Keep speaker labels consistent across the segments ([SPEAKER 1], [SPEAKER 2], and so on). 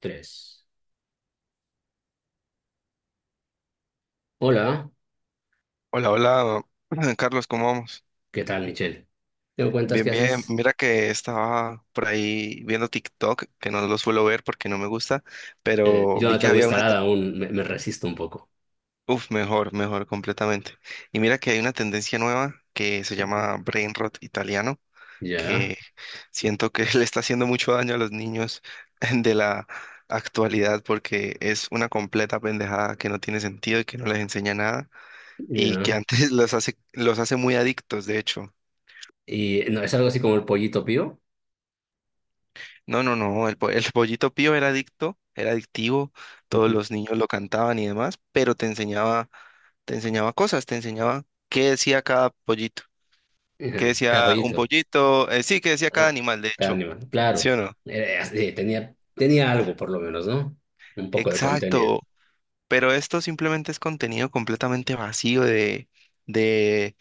[SPEAKER 1] Tres. Hola,
[SPEAKER 2] Hola, hola, Carlos, ¿cómo vamos?
[SPEAKER 1] ¿qué tal, Michelle? ¿Qué me cuentas?
[SPEAKER 2] Bien,
[SPEAKER 1] ¿Qué
[SPEAKER 2] bien.
[SPEAKER 1] haces?
[SPEAKER 2] Mira que estaba por ahí viendo TikTok, que no lo suelo ver porque no me gusta, pero
[SPEAKER 1] Yo
[SPEAKER 2] vi
[SPEAKER 1] no
[SPEAKER 2] que
[SPEAKER 1] tengo
[SPEAKER 2] había una... te-
[SPEAKER 1] instalada aún, me resisto un poco.
[SPEAKER 2] Uf, mejor, mejor, completamente. Y mira que hay una tendencia nueva que se llama brain rot italiano,
[SPEAKER 1] Ya,
[SPEAKER 2] que siento que le está haciendo mucho daño a los niños de la actualidad porque es una completa pendejada que no tiene sentido y que no les enseña nada y que
[SPEAKER 1] ya.
[SPEAKER 2] antes los hace muy adictos, de hecho.
[SPEAKER 1] Y no, es algo así como el pollito pío.
[SPEAKER 2] No, no, no, el Pollito Pío era adicto, era adictivo, todos
[SPEAKER 1] Ujú.
[SPEAKER 2] los niños lo cantaban y demás, pero te enseñaba cosas, te enseñaba qué decía cada pollito, qué
[SPEAKER 1] Ujú. Cada
[SPEAKER 2] decía un
[SPEAKER 1] pollito.
[SPEAKER 2] pollito, sí, qué decía cada
[SPEAKER 1] Ah,
[SPEAKER 2] animal, de
[SPEAKER 1] cada
[SPEAKER 2] hecho,
[SPEAKER 1] animal.
[SPEAKER 2] ¿sí
[SPEAKER 1] Claro.
[SPEAKER 2] o no?
[SPEAKER 1] Tenía algo, por lo menos, ¿no? Un poco de contenido.
[SPEAKER 2] Exacto, pero esto simplemente es contenido completamente vacío de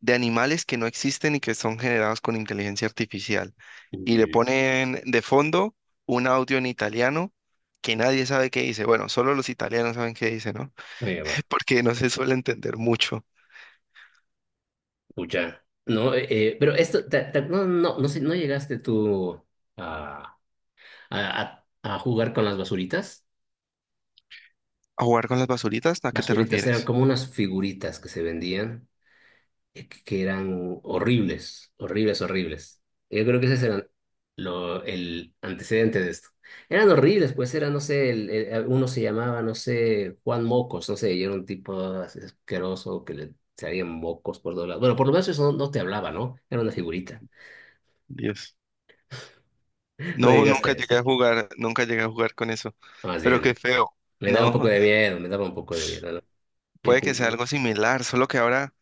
[SPEAKER 2] de animales que no existen y que son generados con inteligencia artificial. Y le
[SPEAKER 1] Ujú.
[SPEAKER 2] ponen de fondo un audio en italiano que nadie sabe qué dice. Bueno, solo los italianos saben qué dice, ¿no?
[SPEAKER 1] Oye, bueno,
[SPEAKER 2] Porque no se suele entender mucho.
[SPEAKER 1] pucha. No, pero esto, sé, ¿no llegaste tú a, a, a a jugar con las basuritas?
[SPEAKER 2] ¿A jugar con las basuritas? ¿A qué te
[SPEAKER 1] Basuritas eran
[SPEAKER 2] refieres?
[SPEAKER 1] como unas figuritas que se vendían, que eran horribles, horribles, horribles. Yo creo que ese era el antecedente de esto. Eran horribles, pues era, no sé, uno se llamaba, no sé, Juan Mocos, no sé, y era un tipo así asqueroso que le salían mocos por todos lados. Bueno, por lo menos eso no te hablaba, ¿no? Era una figurita.
[SPEAKER 2] Dios.
[SPEAKER 1] No
[SPEAKER 2] No,
[SPEAKER 1] llegaste
[SPEAKER 2] nunca
[SPEAKER 1] a
[SPEAKER 2] llegué
[SPEAKER 1] eso.
[SPEAKER 2] a jugar, nunca llegué a jugar con eso.
[SPEAKER 1] Más
[SPEAKER 2] Pero qué
[SPEAKER 1] bien,
[SPEAKER 2] feo.
[SPEAKER 1] me daba un poco
[SPEAKER 2] No,
[SPEAKER 1] de miedo, me daba un poco de miedo, ¿no? Yo
[SPEAKER 2] puede que sea
[SPEAKER 1] ju-
[SPEAKER 2] algo similar, solo que ahora,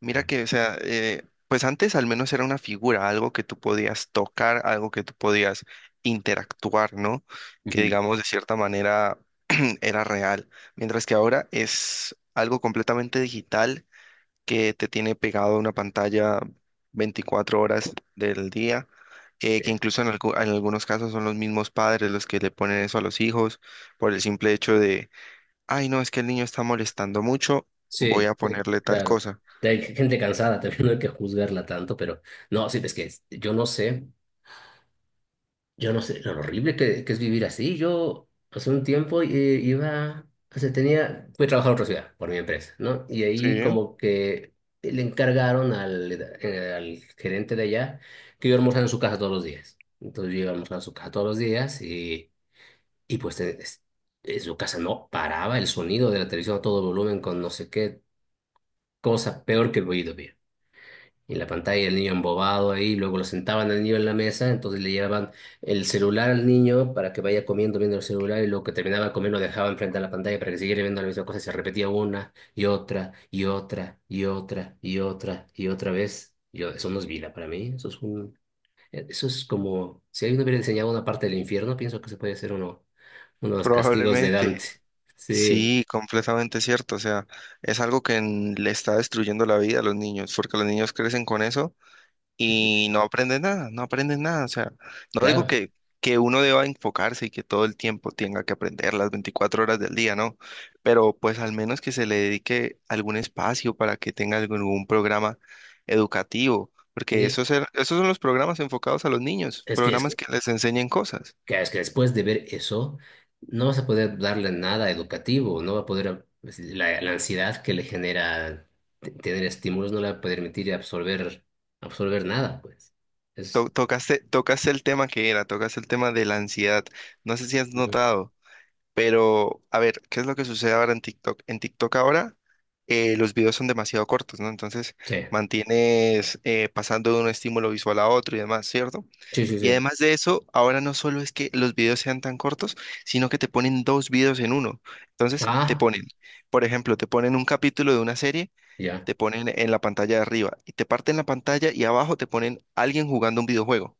[SPEAKER 2] mira que, o sea, pues antes al menos era una figura, algo que tú podías tocar, algo que tú podías interactuar, ¿no? Que
[SPEAKER 1] Ujú.
[SPEAKER 2] digamos de cierta manera era real, mientras que ahora es algo completamente digital que te tiene pegado a una pantalla 24 horas del día, que incluso en algunos casos son los mismos padres los que le ponen eso a los hijos por el simple hecho ay, no, es que el niño está molestando mucho, voy
[SPEAKER 1] Sí,
[SPEAKER 2] a
[SPEAKER 1] sí,
[SPEAKER 2] ponerle tal
[SPEAKER 1] claro.
[SPEAKER 2] cosa.
[SPEAKER 1] Hay gente cansada, también no hay que juzgarla tanto, pero no, sí, es que yo no sé, yo no sé lo horrible que es vivir así. Yo hace un tiempo iba, o sea, tenía, fui a trabajar a otra ciudad por mi empresa, ¿no? Y
[SPEAKER 2] Sí,
[SPEAKER 1] ahí como que le encargaron al gerente de allá que yo almorzara en su casa todos los días. Entonces yo iba a almorzar a su casa todos los días y pues en su casa no paraba el sonido de la televisión a todo volumen con no sé qué cosa peor que el oído. Y en la pantalla el niño embobado ahí, luego lo sentaban al niño en la mesa, entonces le llevaban el celular al niño para que vaya comiendo, viendo el celular, y luego que terminaba de comer lo dejaban frente a la pantalla para que siguiera viendo la misma cosa, y se repetía una y otra y otra y otra y otra y otra vez. Yo, eso no es vida para mí, eso es como, si alguien hubiera enseñado una parte del infierno, pienso que se puede hacer uno de los castigos de
[SPEAKER 2] probablemente.
[SPEAKER 1] Dante. Sí,
[SPEAKER 2] Sí, completamente cierto. O sea, es algo que le está destruyendo la vida a los niños, porque los niños crecen con eso y no aprendes nada, no aprendes nada. O sea, no digo
[SPEAKER 1] claro.
[SPEAKER 2] que, uno deba enfocarse y que todo el tiempo tenga que aprender las 24 horas del día, ¿no? Pero pues al menos que se le dedique algún espacio para que tenga algún programa educativo, porque
[SPEAKER 1] Y
[SPEAKER 2] esos son los programas enfocados a los niños,
[SPEAKER 1] Es
[SPEAKER 2] programas
[SPEAKER 1] que
[SPEAKER 2] que les enseñen cosas.
[SPEAKER 1] Claro, es que después de ver eso, no vas a poder darle nada educativo, no va a poder, pues, la ansiedad que le genera tener estímulos no le va a permitir absorber, absorber nada, pues.
[SPEAKER 2] To-
[SPEAKER 1] Es,
[SPEAKER 2] Tocaste, tocaste el tema que era, tocaste el tema de la ansiedad. No sé si has notado. Pero, a ver, ¿qué es lo que sucede ahora en TikTok? En TikTok ahora los videos son demasiado cortos, ¿no? Entonces
[SPEAKER 1] sí,
[SPEAKER 2] mantienes pasando de un estímulo visual a otro y demás, ¿cierto?
[SPEAKER 1] sí, sí,
[SPEAKER 2] Y
[SPEAKER 1] sí.
[SPEAKER 2] además de eso, ahora no solo es que los videos sean tan cortos, sino que te ponen dos videos en uno. Entonces te
[SPEAKER 1] Ah,
[SPEAKER 2] ponen, por ejemplo, te ponen un capítulo de una serie,
[SPEAKER 1] ya.
[SPEAKER 2] te ponen en la pantalla de arriba y te parten la pantalla y abajo te ponen alguien jugando un videojuego.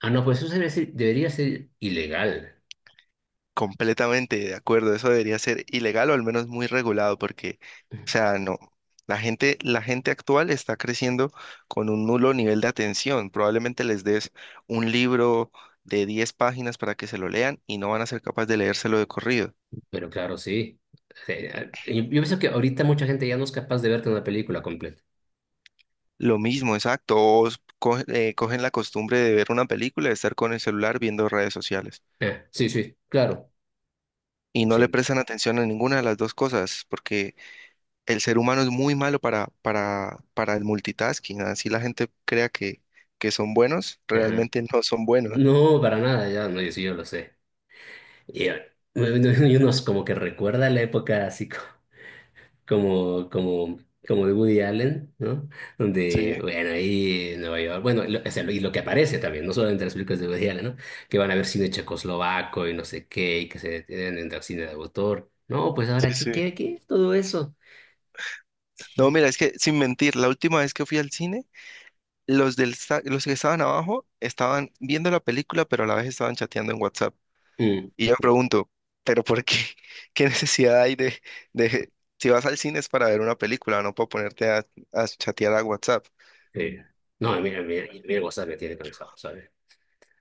[SPEAKER 1] Ah, no, pues sí, debería ser ilegal,
[SPEAKER 2] Completamente de acuerdo, eso debería ser ilegal o al menos muy regulado porque, o sea, no, la gente actual está creciendo con un nulo nivel de atención. Probablemente les des un libro de 10 páginas para que se lo lean y no van a ser capaces de leérselo de corrido.
[SPEAKER 1] pero claro, sí. Sí, yo pienso que ahorita mucha gente ya no es capaz de verte una película completa.
[SPEAKER 2] Lo mismo, exacto, cogen la costumbre de ver una película, de estar con el celular viendo redes sociales
[SPEAKER 1] Sí, sí, claro,
[SPEAKER 2] y no le
[SPEAKER 1] sí.
[SPEAKER 2] prestan atención a ninguna de las dos cosas porque el ser humano es muy malo para el multitasking. Así la gente crea que son buenos,
[SPEAKER 1] Ajá.
[SPEAKER 2] realmente no son buenos.
[SPEAKER 1] No, para nada, ya no, yo sí, yo lo sé. Y, eh, unos como que recuerda la época así como, como, como de Woody Allen, ¿no?
[SPEAKER 2] Sí,
[SPEAKER 1] Donde, bueno, ahí en Nueva York, bueno, y lo que aparece también, no solo entre las películas de Woody Allen, ¿no? Que van a ver cine checoslovaco y no sé qué, y que se detienen en el cine de autor. No, pues
[SPEAKER 2] sí,
[SPEAKER 1] ahora,
[SPEAKER 2] sí.
[SPEAKER 1] ¿qué? Todo eso.
[SPEAKER 2] No, mira, es que sin mentir, la última vez que fui al cine, los que estaban abajo estaban viendo la película, pero a la vez estaban chateando en WhatsApp.
[SPEAKER 1] Mm,
[SPEAKER 2] Y yo me pregunto, ¿pero por qué? ¿Qué necesidad hay de, de… Si vas al cine es para ver una película, no para ponerte a chatear a WhatsApp.
[SPEAKER 1] sí. No, mira, mira, mira, WhatsApp me tiene cansado, ¿sabes?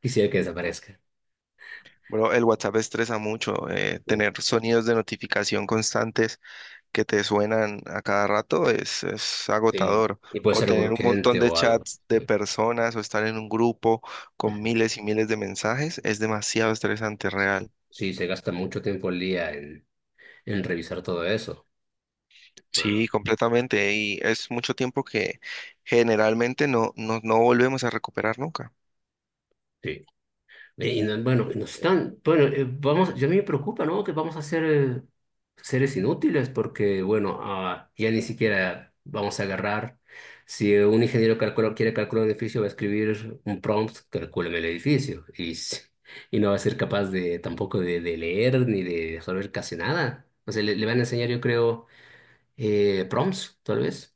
[SPEAKER 1] Quisiera que desaparezca.
[SPEAKER 2] Bro, el WhatsApp estresa mucho,
[SPEAKER 1] Sí.
[SPEAKER 2] tener sonidos de notificación constantes que te suenan a cada rato es
[SPEAKER 1] Sí.
[SPEAKER 2] agotador.
[SPEAKER 1] Y puede
[SPEAKER 2] O
[SPEAKER 1] ser
[SPEAKER 2] tener un montón
[SPEAKER 1] urgente
[SPEAKER 2] de
[SPEAKER 1] o algo.
[SPEAKER 2] chats de personas o estar en un grupo con miles y miles de mensajes es demasiado estresante, real.
[SPEAKER 1] Sí, se gasta mucho tiempo al día en revisar todo eso.
[SPEAKER 2] Sí,
[SPEAKER 1] Ah,
[SPEAKER 2] completamente. Y es mucho tiempo que generalmente no volvemos a recuperar nunca.
[SPEAKER 1] sí. Bueno, y nos están, bueno, vamos, yo a mí me preocupa, ¿no? Que vamos a ser seres inútiles porque, bueno, ya ni siquiera vamos a agarrar. Si un ingeniero quiere calcular un edificio, va a escribir un prompt, calcúlame el edificio. Y no va a ser capaz de tampoco de leer ni de saber casi nada. O sea, le van a enseñar, yo creo, prompts, tal vez,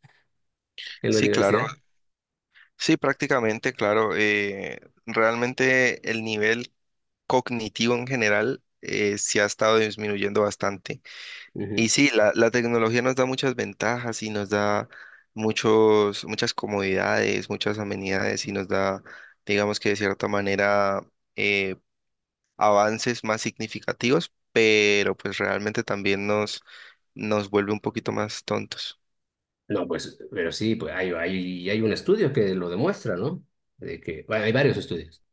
[SPEAKER 1] en la
[SPEAKER 2] Sí, claro.
[SPEAKER 1] universidad.
[SPEAKER 2] Sí, prácticamente, claro. Realmente el nivel cognitivo en general sí ha estado disminuyendo bastante. Y
[SPEAKER 1] Ujú.
[SPEAKER 2] sí, la tecnología nos da muchas ventajas y nos da muchos, muchas comodidades, muchas amenidades y nos da, digamos que de cierta manera, eh, avances más significativos, pero pues realmente también nos vuelve un poquito más tontos.
[SPEAKER 1] No, pues, pero sí, pues hay un estudio que lo demuestra, ¿no? De que, bueno, hay varios estudios.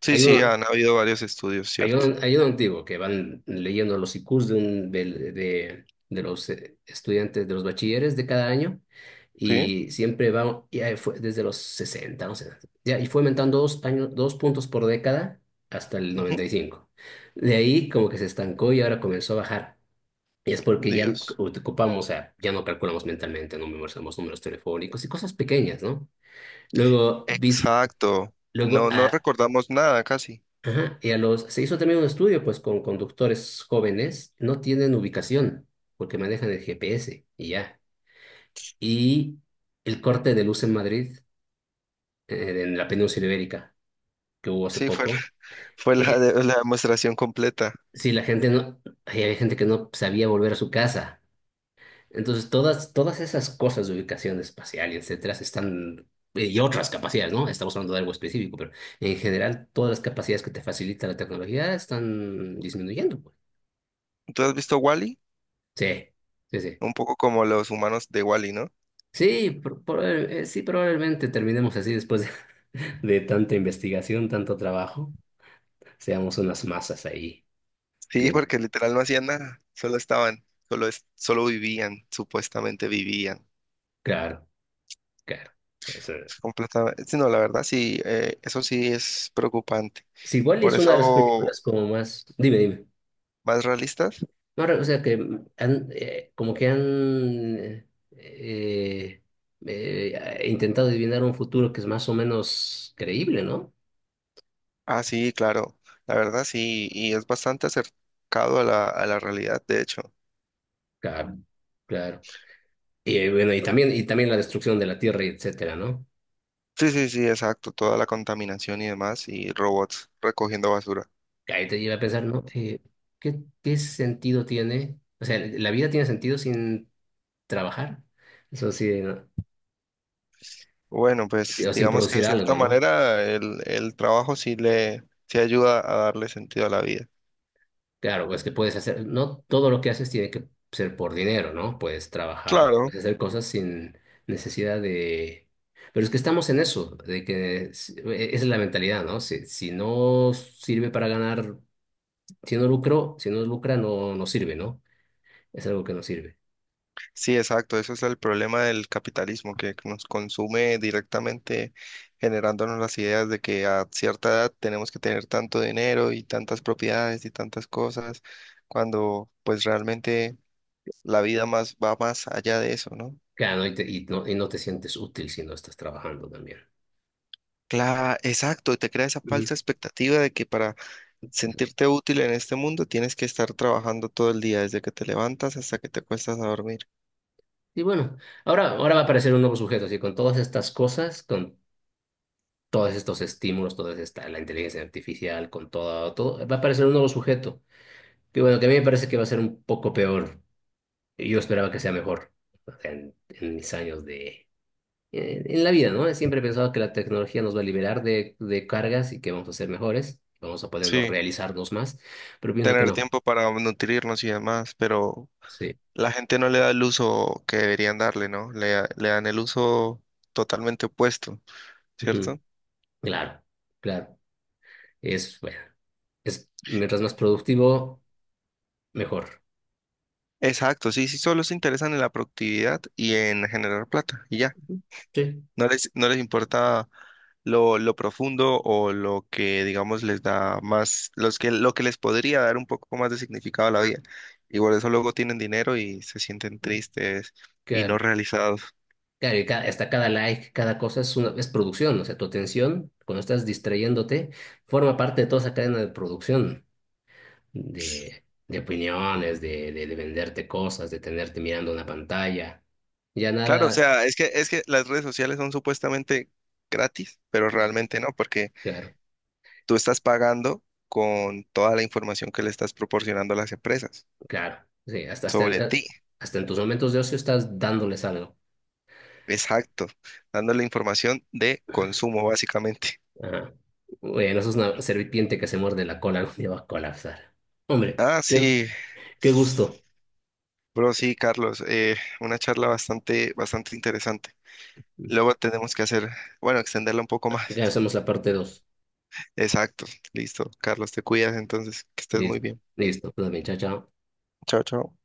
[SPEAKER 2] Sí,
[SPEAKER 1] Hay
[SPEAKER 2] sí,
[SPEAKER 1] uno,
[SPEAKER 2] han habido varios estudios, ¿cierto?
[SPEAKER 1] Hay uno antiguo que van leyendo los IQs de los estudiantes, de los bachilleres de cada año,
[SPEAKER 2] Sí.
[SPEAKER 1] y siempre va, y ahí fue desde los 60, no sé, ya, y fue aumentando 2 puntos por década hasta el
[SPEAKER 2] Ujú,
[SPEAKER 1] 95. De ahí como que se estancó y ahora comenzó a bajar, y es porque ya
[SPEAKER 2] Dios.
[SPEAKER 1] ocupamos, o sea, ya no calculamos mentalmente, no memorizamos números telefónicos y cosas pequeñas, ¿no? Luego, vist-
[SPEAKER 2] Exacto.
[SPEAKER 1] luego
[SPEAKER 2] No, no
[SPEAKER 1] a,
[SPEAKER 2] recordamos nada casi.
[SPEAKER 1] ajá, y se hizo también un estudio, pues, con conductores jóvenes, no tienen ubicación, porque manejan el GPS y ya. Y el corte de luz en Madrid, en la península ibérica, que hubo hace
[SPEAKER 2] Sí, fue,
[SPEAKER 1] poco,
[SPEAKER 2] fue la,
[SPEAKER 1] eh,
[SPEAKER 2] de- la demostración completa.
[SPEAKER 1] sí, la gente no, hay gente que no sabía volver a su casa. Entonces, todas esas cosas de ubicación espacial y etcétera están, y otras capacidades, ¿no? Estamos hablando de algo específico, pero en general todas las capacidades que te facilita la tecnología están disminuyendo, pues.
[SPEAKER 2] ¿Tú has visto wall
[SPEAKER 1] Sí, sí, sí.
[SPEAKER 2] Un poco como los humanos de Wall-E, ¿no?
[SPEAKER 1] Sí, sí, probablemente terminemos así después de, de tanta investigación, tanto trabajo, seamos unas masas ahí.
[SPEAKER 2] Sí,
[SPEAKER 1] Bien,
[SPEAKER 2] porque literal no hacían nada, solo estaban, solo, es- solo vivían, supuestamente vivían.
[SPEAKER 1] claro, claro. Eso.
[SPEAKER 2] Completamente. Sí, no, la verdad sí, eso sí es preocupante.
[SPEAKER 1] Sí, igual
[SPEAKER 2] Por
[SPEAKER 1] es una de las
[SPEAKER 2] eso,
[SPEAKER 1] películas como más... Dime, dime.
[SPEAKER 2] ¿más realistas?
[SPEAKER 1] No, o sea que como que han intentado adivinar un futuro que es más o menos creíble, ¿no?
[SPEAKER 2] Ah, sí, claro, la verdad sí, y es bastante acercado a la realidad, de hecho.
[SPEAKER 1] Claro, claro. Bueno, y también la destrucción de la Tierra, y etcétera, ¿no?
[SPEAKER 2] Sí, sí, sí, exacto, toda la contaminación y demás, y robots recogiendo basura.
[SPEAKER 1] Que Ahí te lleva a pensar, ¿no? ¿Qué sentido tiene? O sea, ¿la vida tiene sentido sin trabajar? Eso sí, ¿no?
[SPEAKER 2] Bueno,
[SPEAKER 1] Sí.
[SPEAKER 2] pues
[SPEAKER 1] O sin
[SPEAKER 2] digamos que de
[SPEAKER 1] producir
[SPEAKER 2] cierta
[SPEAKER 1] algo, ¿no?
[SPEAKER 2] manera el trabajo sí le sí ayuda a darle sentido a la vida.
[SPEAKER 1] Claro, pues que puedes hacer, no todo lo que haces tiene que ser por dinero, ¿no? Puedes trabajar,
[SPEAKER 2] Claro,
[SPEAKER 1] puedes hacer cosas sin necesidad de... Pero es que estamos en eso, de que esa es la mentalidad, ¿no? Si no sirve para ganar, si no lucro, si no lucra, no sirve, ¿no? Es algo que no sirve.
[SPEAKER 2] sí, exacto. Eso es el problema del capitalismo, que nos consume directamente generándonos las ideas de que a cierta edad tenemos que tener tanto dinero y tantas propiedades y tantas cosas, cuando pues realmente la vida más va más allá de eso, ¿no?
[SPEAKER 1] Claro, y no te sientes útil si no estás trabajando también.
[SPEAKER 2] Claro, exacto. Y te crea esa
[SPEAKER 1] Ujú.
[SPEAKER 2] falsa expectativa de que para sentirte útil en este mundo, tienes que estar trabajando todo el día, desde que te levantas hasta que te acuestas a dormir.
[SPEAKER 1] Y bueno, ahora va a aparecer un nuevo sujeto, así con todas estas cosas, con todos estos estímulos, la inteligencia artificial, con todo, todo, va a aparecer un nuevo sujeto. Que bueno, que a mí me parece que va a ser un poco peor. Yo esperaba que sea mejor en mis años de... En la vida, ¿no? Siempre he pensado que la tecnología nos va a liberar de cargas y que vamos a ser mejores, vamos a podernos
[SPEAKER 2] Sí,
[SPEAKER 1] realizarnos más, pero pienso que
[SPEAKER 2] tener
[SPEAKER 1] no.
[SPEAKER 2] tiempo para nutrirnos y demás, pero
[SPEAKER 1] Sí.
[SPEAKER 2] la gente no le da el uso que deberían darle, ¿no? Le dan el uso totalmente opuesto,
[SPEAKER 1] Ujú.
[SPEAKER 2] ¿cierto?
[SPEAKER 1] Claro, claro. Bueno, es, mientras más productivo, mejor.
[SPEAKER 2] Exacto, sí, sí, solo se interesan en la productividad y en generar plata, y ya.
[SPEAKER 1] Sí.
[SPEAKER 2] No les importa lo profundo o lo que, digamos, les da más, los que, lo que les podría dar un poco más de significado a la vida. Y por eso luego tienen dinero y se sienten tristes y no
[SPEAKER 1] Claro.
[SPEAKER 2] realizados.
[SPEAKER 1] Claro, hasta cada like, cada cosa es producción, o sea, tu atención, cuando estás distrayéndote, forma parte de toda esa cadena de producción, de opiniones, de venderte cosas, de tenerte mirando una pantalla. Ya
[SPEAKER 2] Claro, o
[SPEAKER 1] nada.
[SPEAKER 2] sea, es que las redes sociales son supuestamente gratis, pero
[SPEAKER 1] Ujú.
[SPEAKER 2] realmente no, porque
[SPEAKER 1] Claro,
[SPEAKER 2] tú estás pagando con toda la información que le estás proporcionando a las empresas
[SPEAKER 1] claro, sí,
[SPEAKER 2] sobre ti.
[SPEAKER 1] hasta en tus momentos de ocio estás dándoles algo.
[SPEAKER 2] Exacto, dándole información de consumo, básicamente.
[SPEAKER 1] Ajá. Bueno, eso es una serpiente que se muerde la cola, algún día va a colapsar. Hombre,
[SPEAKER 2] Ah, sí,
[SPEAKER 1] qué gusto.
[SPEAKER 2] bro, sí, Carlos, una charla bastante, bastante interesante. Luego tenemos que hacer, bueno, extenderla un poco
[SPEAKER 1] Ya
[SPEAKER 2] más.
[SPEAKER 1] hacemos la parte 2.
[SPEAKER 2] Exacto, listo. Carlos, te cuidas entonces, que estés muy
[SPEAKER 1] Listo,
[SPEAKER 2] bien.
[SPEAKER 1] listo, todo bien, chao, chao.
[SPEAKER 2] Chao, chao.